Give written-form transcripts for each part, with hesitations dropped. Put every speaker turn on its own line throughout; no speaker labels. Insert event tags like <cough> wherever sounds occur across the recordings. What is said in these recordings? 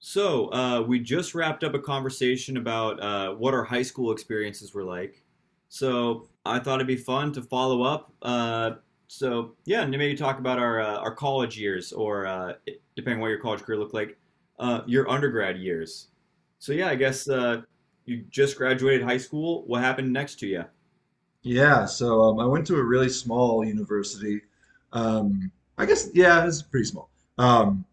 We just wrapped up a conversation about what our high school experiences were like. So, I thought it'd be fun to follow up. Yeah, and maybe talk about our college years, or depending on what your college career looked like, your undergrad years. So, yeah, I guess you just graduated high school. What happened next to you?
Yeah, I went to a really small university. Um, I guess, yeah, it's pretty small. Um,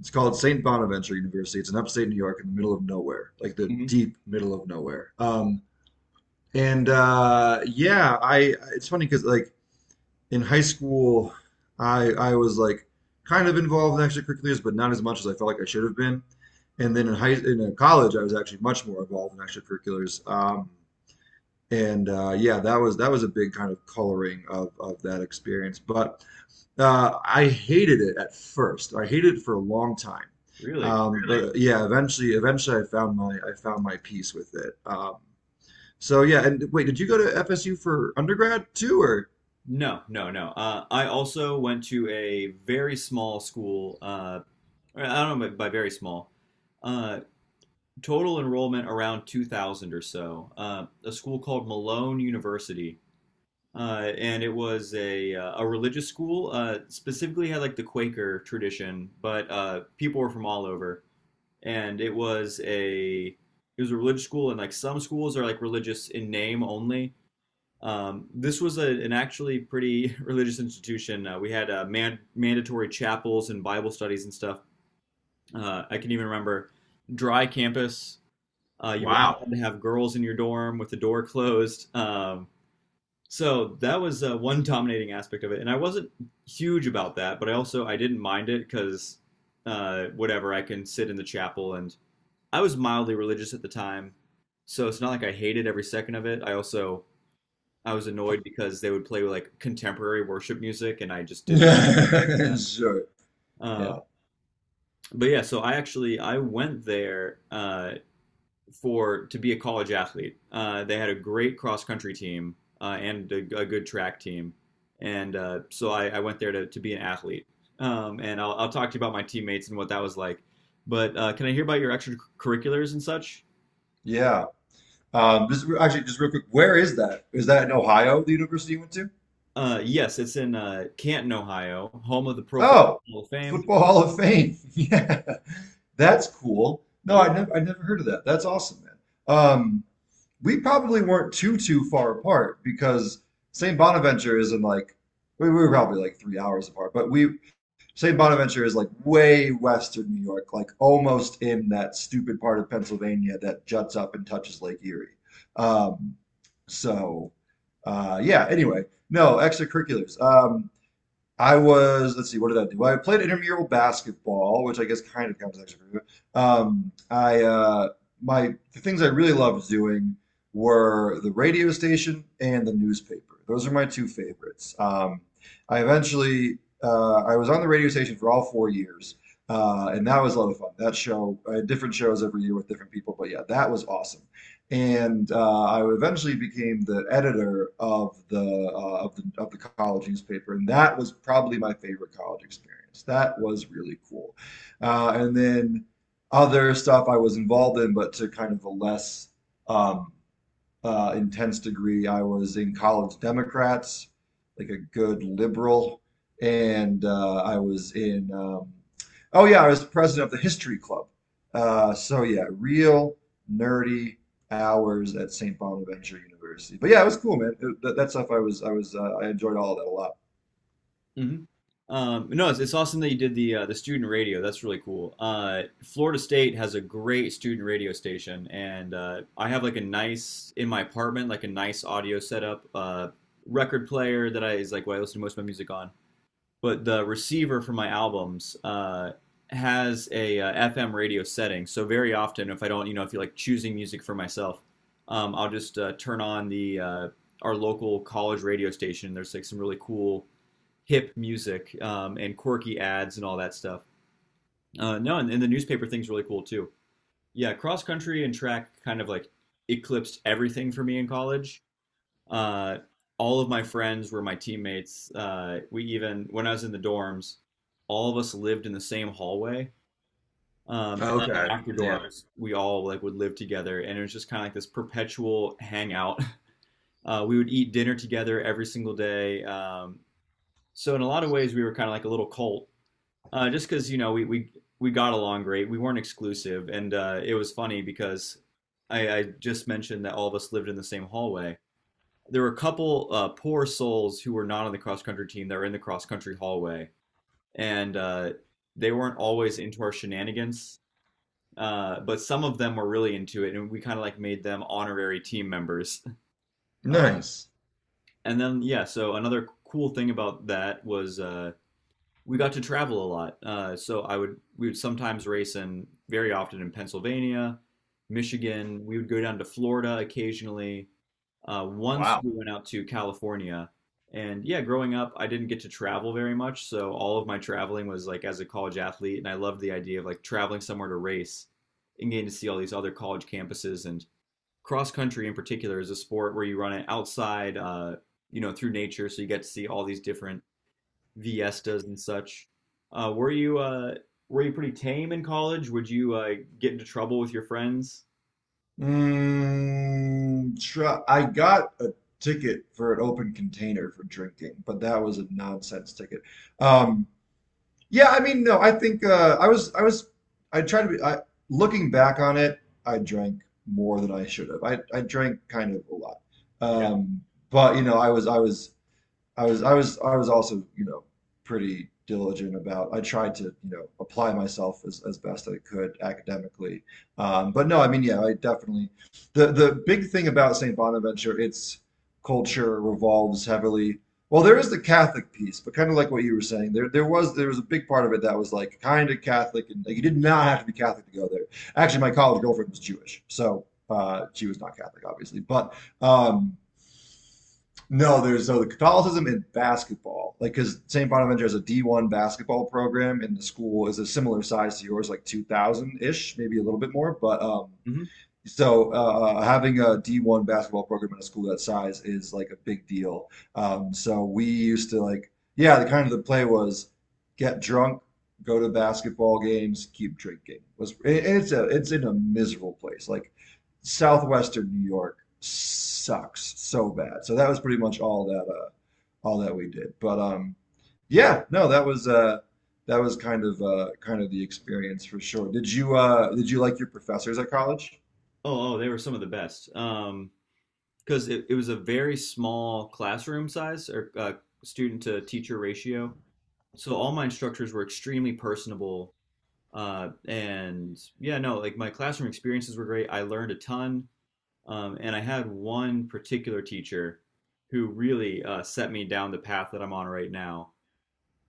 it's called St. Bonaventure University. It's in upstate New York in the middle of nowhere, like the
Hmm.
deep middle of nowhere. And yeah, I it's funny because like in high school, I was like kind of involved in extracurriculars, but not as much as I felt like I should have been. And then in college, I was actually much more involved in extracurriculars. And Yeah, that was a big kind of coloring of that experience. But I hated it at first. I hated it for a long time.
Really?
Really? But yeah, eventually, I found my peace with it. So yeah, and wait, did you go to FSU for undergrad too, or?
No, no, no. I also went to a very small school. I don't know by very small. Uh, Total enrollment around 2000 or so. A school called Malone University, and it was a religious school. Specifically, had like the Quaker tradition, but people were from all over, and it was a religious school, and like some schools are like religious in name only. This was an actually pretty <laughs> religious institution. We had mandatory chapels and Bible studies and stuff. I can even remember dry campus, you weren't
Wow.
allowed to have girls in your dorm with the door closed. So that was one dominating aspect of it, and I wasn't huge about that, but I also I didn't mind it because whatever, I can sit in the chapel, and I was mildly religious at the time, so it's not like I hated every second of it. I also I was annoyed because they would play like contemporary worship music, and I just didn't do that.
<laughs> Sure.
Uh,
Yeah.
but yeah, so I actually I went there for to be a college athlete. They had a great cross country team, and a good track team, and so I went there to be an athlete. And I'll talk to you about my teammates and what that was like. But can I hear about your extracurriculars and such?
Yeah. Actually, just real quick, where is that? Is that in Ohio, the university you went to?
Yes, it's in Canton, Ohio, home of the Pro Football
Oh,
Hall of Fame.
Football Hall of Fame. <laughs> Yeah, that's cool. I never heard of that. That's awesome, man. Um, we probably weren't too far apart because St. Bonaventure is in like we were probably like three hours apart, but we St. Bonaventure is like way western New York, like almost in that stupid part of Pennsylvania that juts up and touches Lake Erie. Um, so yeah. Anyway, no extracurriculars. I was, let's see, what did I do? I played intramural basketball, which I guess kind of counts as extracurricular. I My the things I really loved doing were the radio station and the newspaper. Those are my two favorites. I eventually I was on the radio station for all four years, and that was a lot of fun. That show, I had different shows every year with different people, but yeah, that was awesome. And I eventually became the editor of the of the college newspaper, and that was probably my favorite college experience. That was really cool. And then other stuff I was involved in, but to kind of a less um, intense degree. I was in college Democrats, like a good liberal, and I was in. Oh yeah, I was president of the history club. So yeah, real nerdy hours at St. Bonaventure University. But yeah, it was cool, man. It, that, that stuff I enjoyed all of that a
Hmm. No, it's awesome that you did the student radio. That's really cool. Florida State has a great student radio station, and I have like a nice, in my apartment, like a nice audio setup, record player that I is like what I listen to most of my music on. But the receiver for my albums has a FM radio setting, so very often if I don't, you know, if you're like choosing music for myself, I'll just turn on the our local college radio station. There's like some really cool hip music, and quirky ads and all that stuff. No, and the newspaper thing's really cool too. Yeah, cross country and track kind of like eclipsed everything for me in college. Uh, all of my friends were my teammates. We, even when I was in the dorms, all of us lived in the same hallway. And
lot. Okay.
after dorms, we all like would live together, and it was just kind of like this perpetual hangout. <laughs> We would eat dinner together every single day. So in a lot of ways, we were kind of like a little cult. Just because, you know, we got along great. We weren't exclusive, and it was funny because I just mentioned that all of us lived in the same hallway. There were a couple poor souls who were not on the cross country team that were in the cross country hallway, and they weren't always into our shenanigans. But some of them were really into it, and we kind of like made them honorary team members. <laughs> Uh,
Nice.
and then, yeah, so another cool thing about that was, we got to travel a lot. So I would We would sometimes race in, very often in Pennsylvania, Michigan. We would go down to Florida occasionally. Once
Wow.
we went out to California, and yeah, growing up, I didn't get to travel very much, so all of my traveling was like as a college athlete, and I loved the idea of like traveling somewhere to race and getting to see all these other college campuses. And cross country in particular is a sport where you run it outside, you know, through nature, so you get to see all these different Viestas and such. Uh, were you uh, were you pretty tame in college? Would you get into trouble with your friends?
Mm, try, I got a ticket for an open container for drinking, but that was a nonsense ticket. Um, yeah, I mean, no, I think I was, I was, I tried to be. I, looking back on it, I drank more than I should have. I drank kind of a lot,
Yeah.
um, but you know, I was also, you know, pretty diligent about I tried to, you know, apply myself as best I could academically. But no, I mean, yeah, I definitely the big thing about St. Bonaventure, its culture revolves heavily. Well, there is the Catholic piece, but kind of like what you were saying, there was a big part of it that was like kind of Catholic, and like you did not have to be Catholic to go there. Actually, my college girlfriend was Jewish, so she was not Catholic, obviously, but um, no, there's no the Catholicism in basketball. Like, because St. Bonaventure has a D1 basketball program, and the school is a similar size to yours, like 2,000 ish, maybe a little bit more. But
Hmm.
so Having a D1 basketball program in a school that size is like a big deal. So we used to like, yeah, the kind of the play was get drunk, go to basketball games, keep drinking. Was and it's a it's in a miserable place. Like southwestern New York sucks so bad. So that was pretty much all that we did. But Yeah, no, that was kind of the experience for sure. Did you like your professors at college?
Oh, oh, they were some of the best. Because it was a very small classroom size, or student to teacher ratio. So all my instructors were extremely personable. And yeah, no, like my classroom experiences were great. I learned a ton. And I had one particular teacher who really set me down the path that I'm on right now.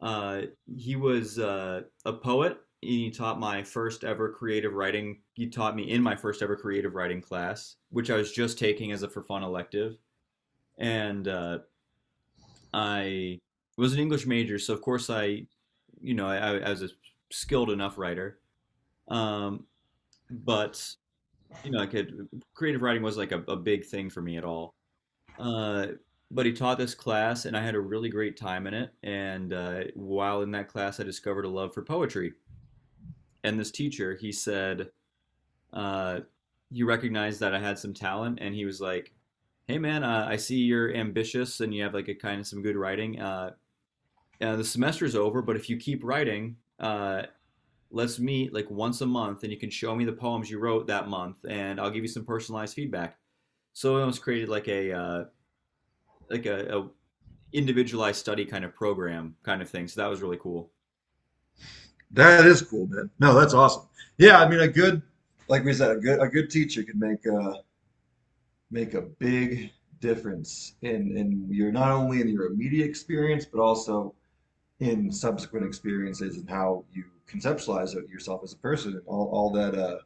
Uh, he was a poet. He taught me in my first ever creative writing class, which I was just taking as a for fun elective. And I was an English major, so of course I, you know, I was a skilled enough writer. Um, but you know, I could creative writing was like a big thing for me at all. Uh, but he taught this class, and I had a really great time in it. And while in that class, I discovered a love for poetry. And this teacher, he said, uh, he recognized that I had some talent, and he was like, "Hey man, I see you're ambitious and you have like a kind of some good writing. The semester's over, but if you keep writing, let's meet like once a month, and you can show me the poems you wrote that month, and I'll give you some personalized feedback." So it almost created like a individualized study kind of program kind of thing. So that was really cool.
That is cool, man. No, that's awesome. Yeah, I mean, a good, like we said, a good teacher can make a make a big difference in your not only in your immediate experience, but also in subsequent experiences and how you conceptualize yourself as a person and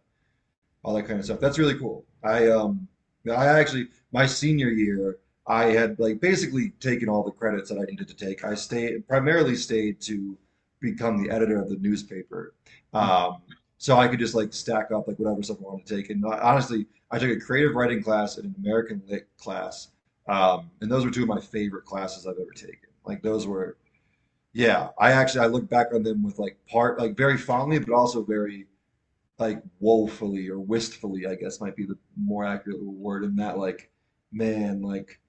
all that kind of stuff. That's really cool. I Actually my senior year I had like basically taken all the credits that I needed to take. I stayed Primarily stayed to become the editor of the newspaper. Um, so I could just like stack up like whatever stuff I wanted to take. Honestly, I took a creative writing class and an American lit class. And those were two of my favorite classes I've ever taken. Like those were, yeah, I actually I look back on them with like very fondly, but also very like woefully or wistfully, I guess might be the more accurate word in that like, man, like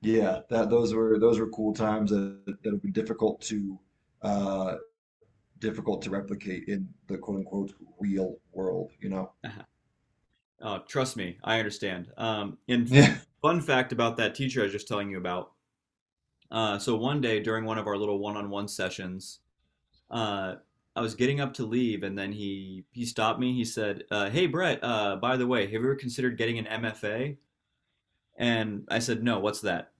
yeah, that those were cool times that have been difficult to uh difficult to replicate in the quote unquote real world, you know?
<laughs> Trust me, I understand. And
Yeah. <laughs>
fun fact about that teacher I was just telling you about. So one day during one of our little one-on-one sessions, uh, I was getting up to leave, and then he stopped me. He said, "Hey Brett, by the way, have you ever considered getting an MFA?" And I said, "No, what's that?"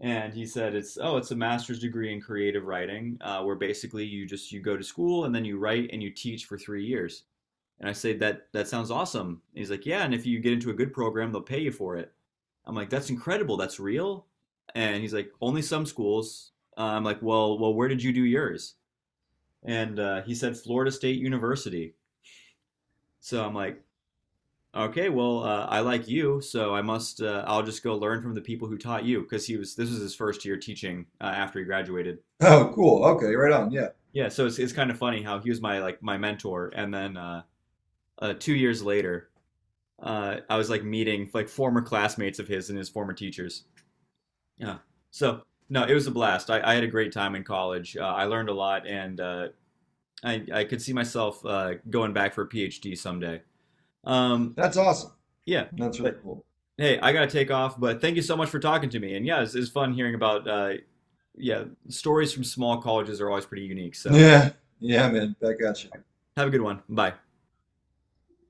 And he said, "It's, oh, it's a master's degree in creative writing, where basically you just you go to school and then you write and you teach for three years." And I say that that sounds awesome. And he's like, yeah, and if you get into a good program, they'll pay you for it. I'm like, that's incredible. That's real. And he's like, only some schools. I'm like, well, well, where did you do yours? And he said Florida State University. So I'm like, okay, well, I like you, so I must. I'll just go learn from the people who taught you, because he was, this was his first year teaching after he graduated.
Oh, cool. Okay, right on. Yeah.
Yeah, so it's kind of funny how he was my like my mentor, and then two years later, I was like meeting like former classmates of his and his former teachers. Yeah. So no, it was a blast. I had a great time in college. I learned a lot, and I could see myself going back for a PhD someday. Um,
That's awesome.
yeah.
That's really
But
cool.
hey, I gotta take off. But thank you so much for talking to me. And yeah, it's fun hearing about yeah, stories from small colleges are always pretty unique.
<laughs>
So
Yeah. Yeah, man. Back at you.
have a good one. Bye.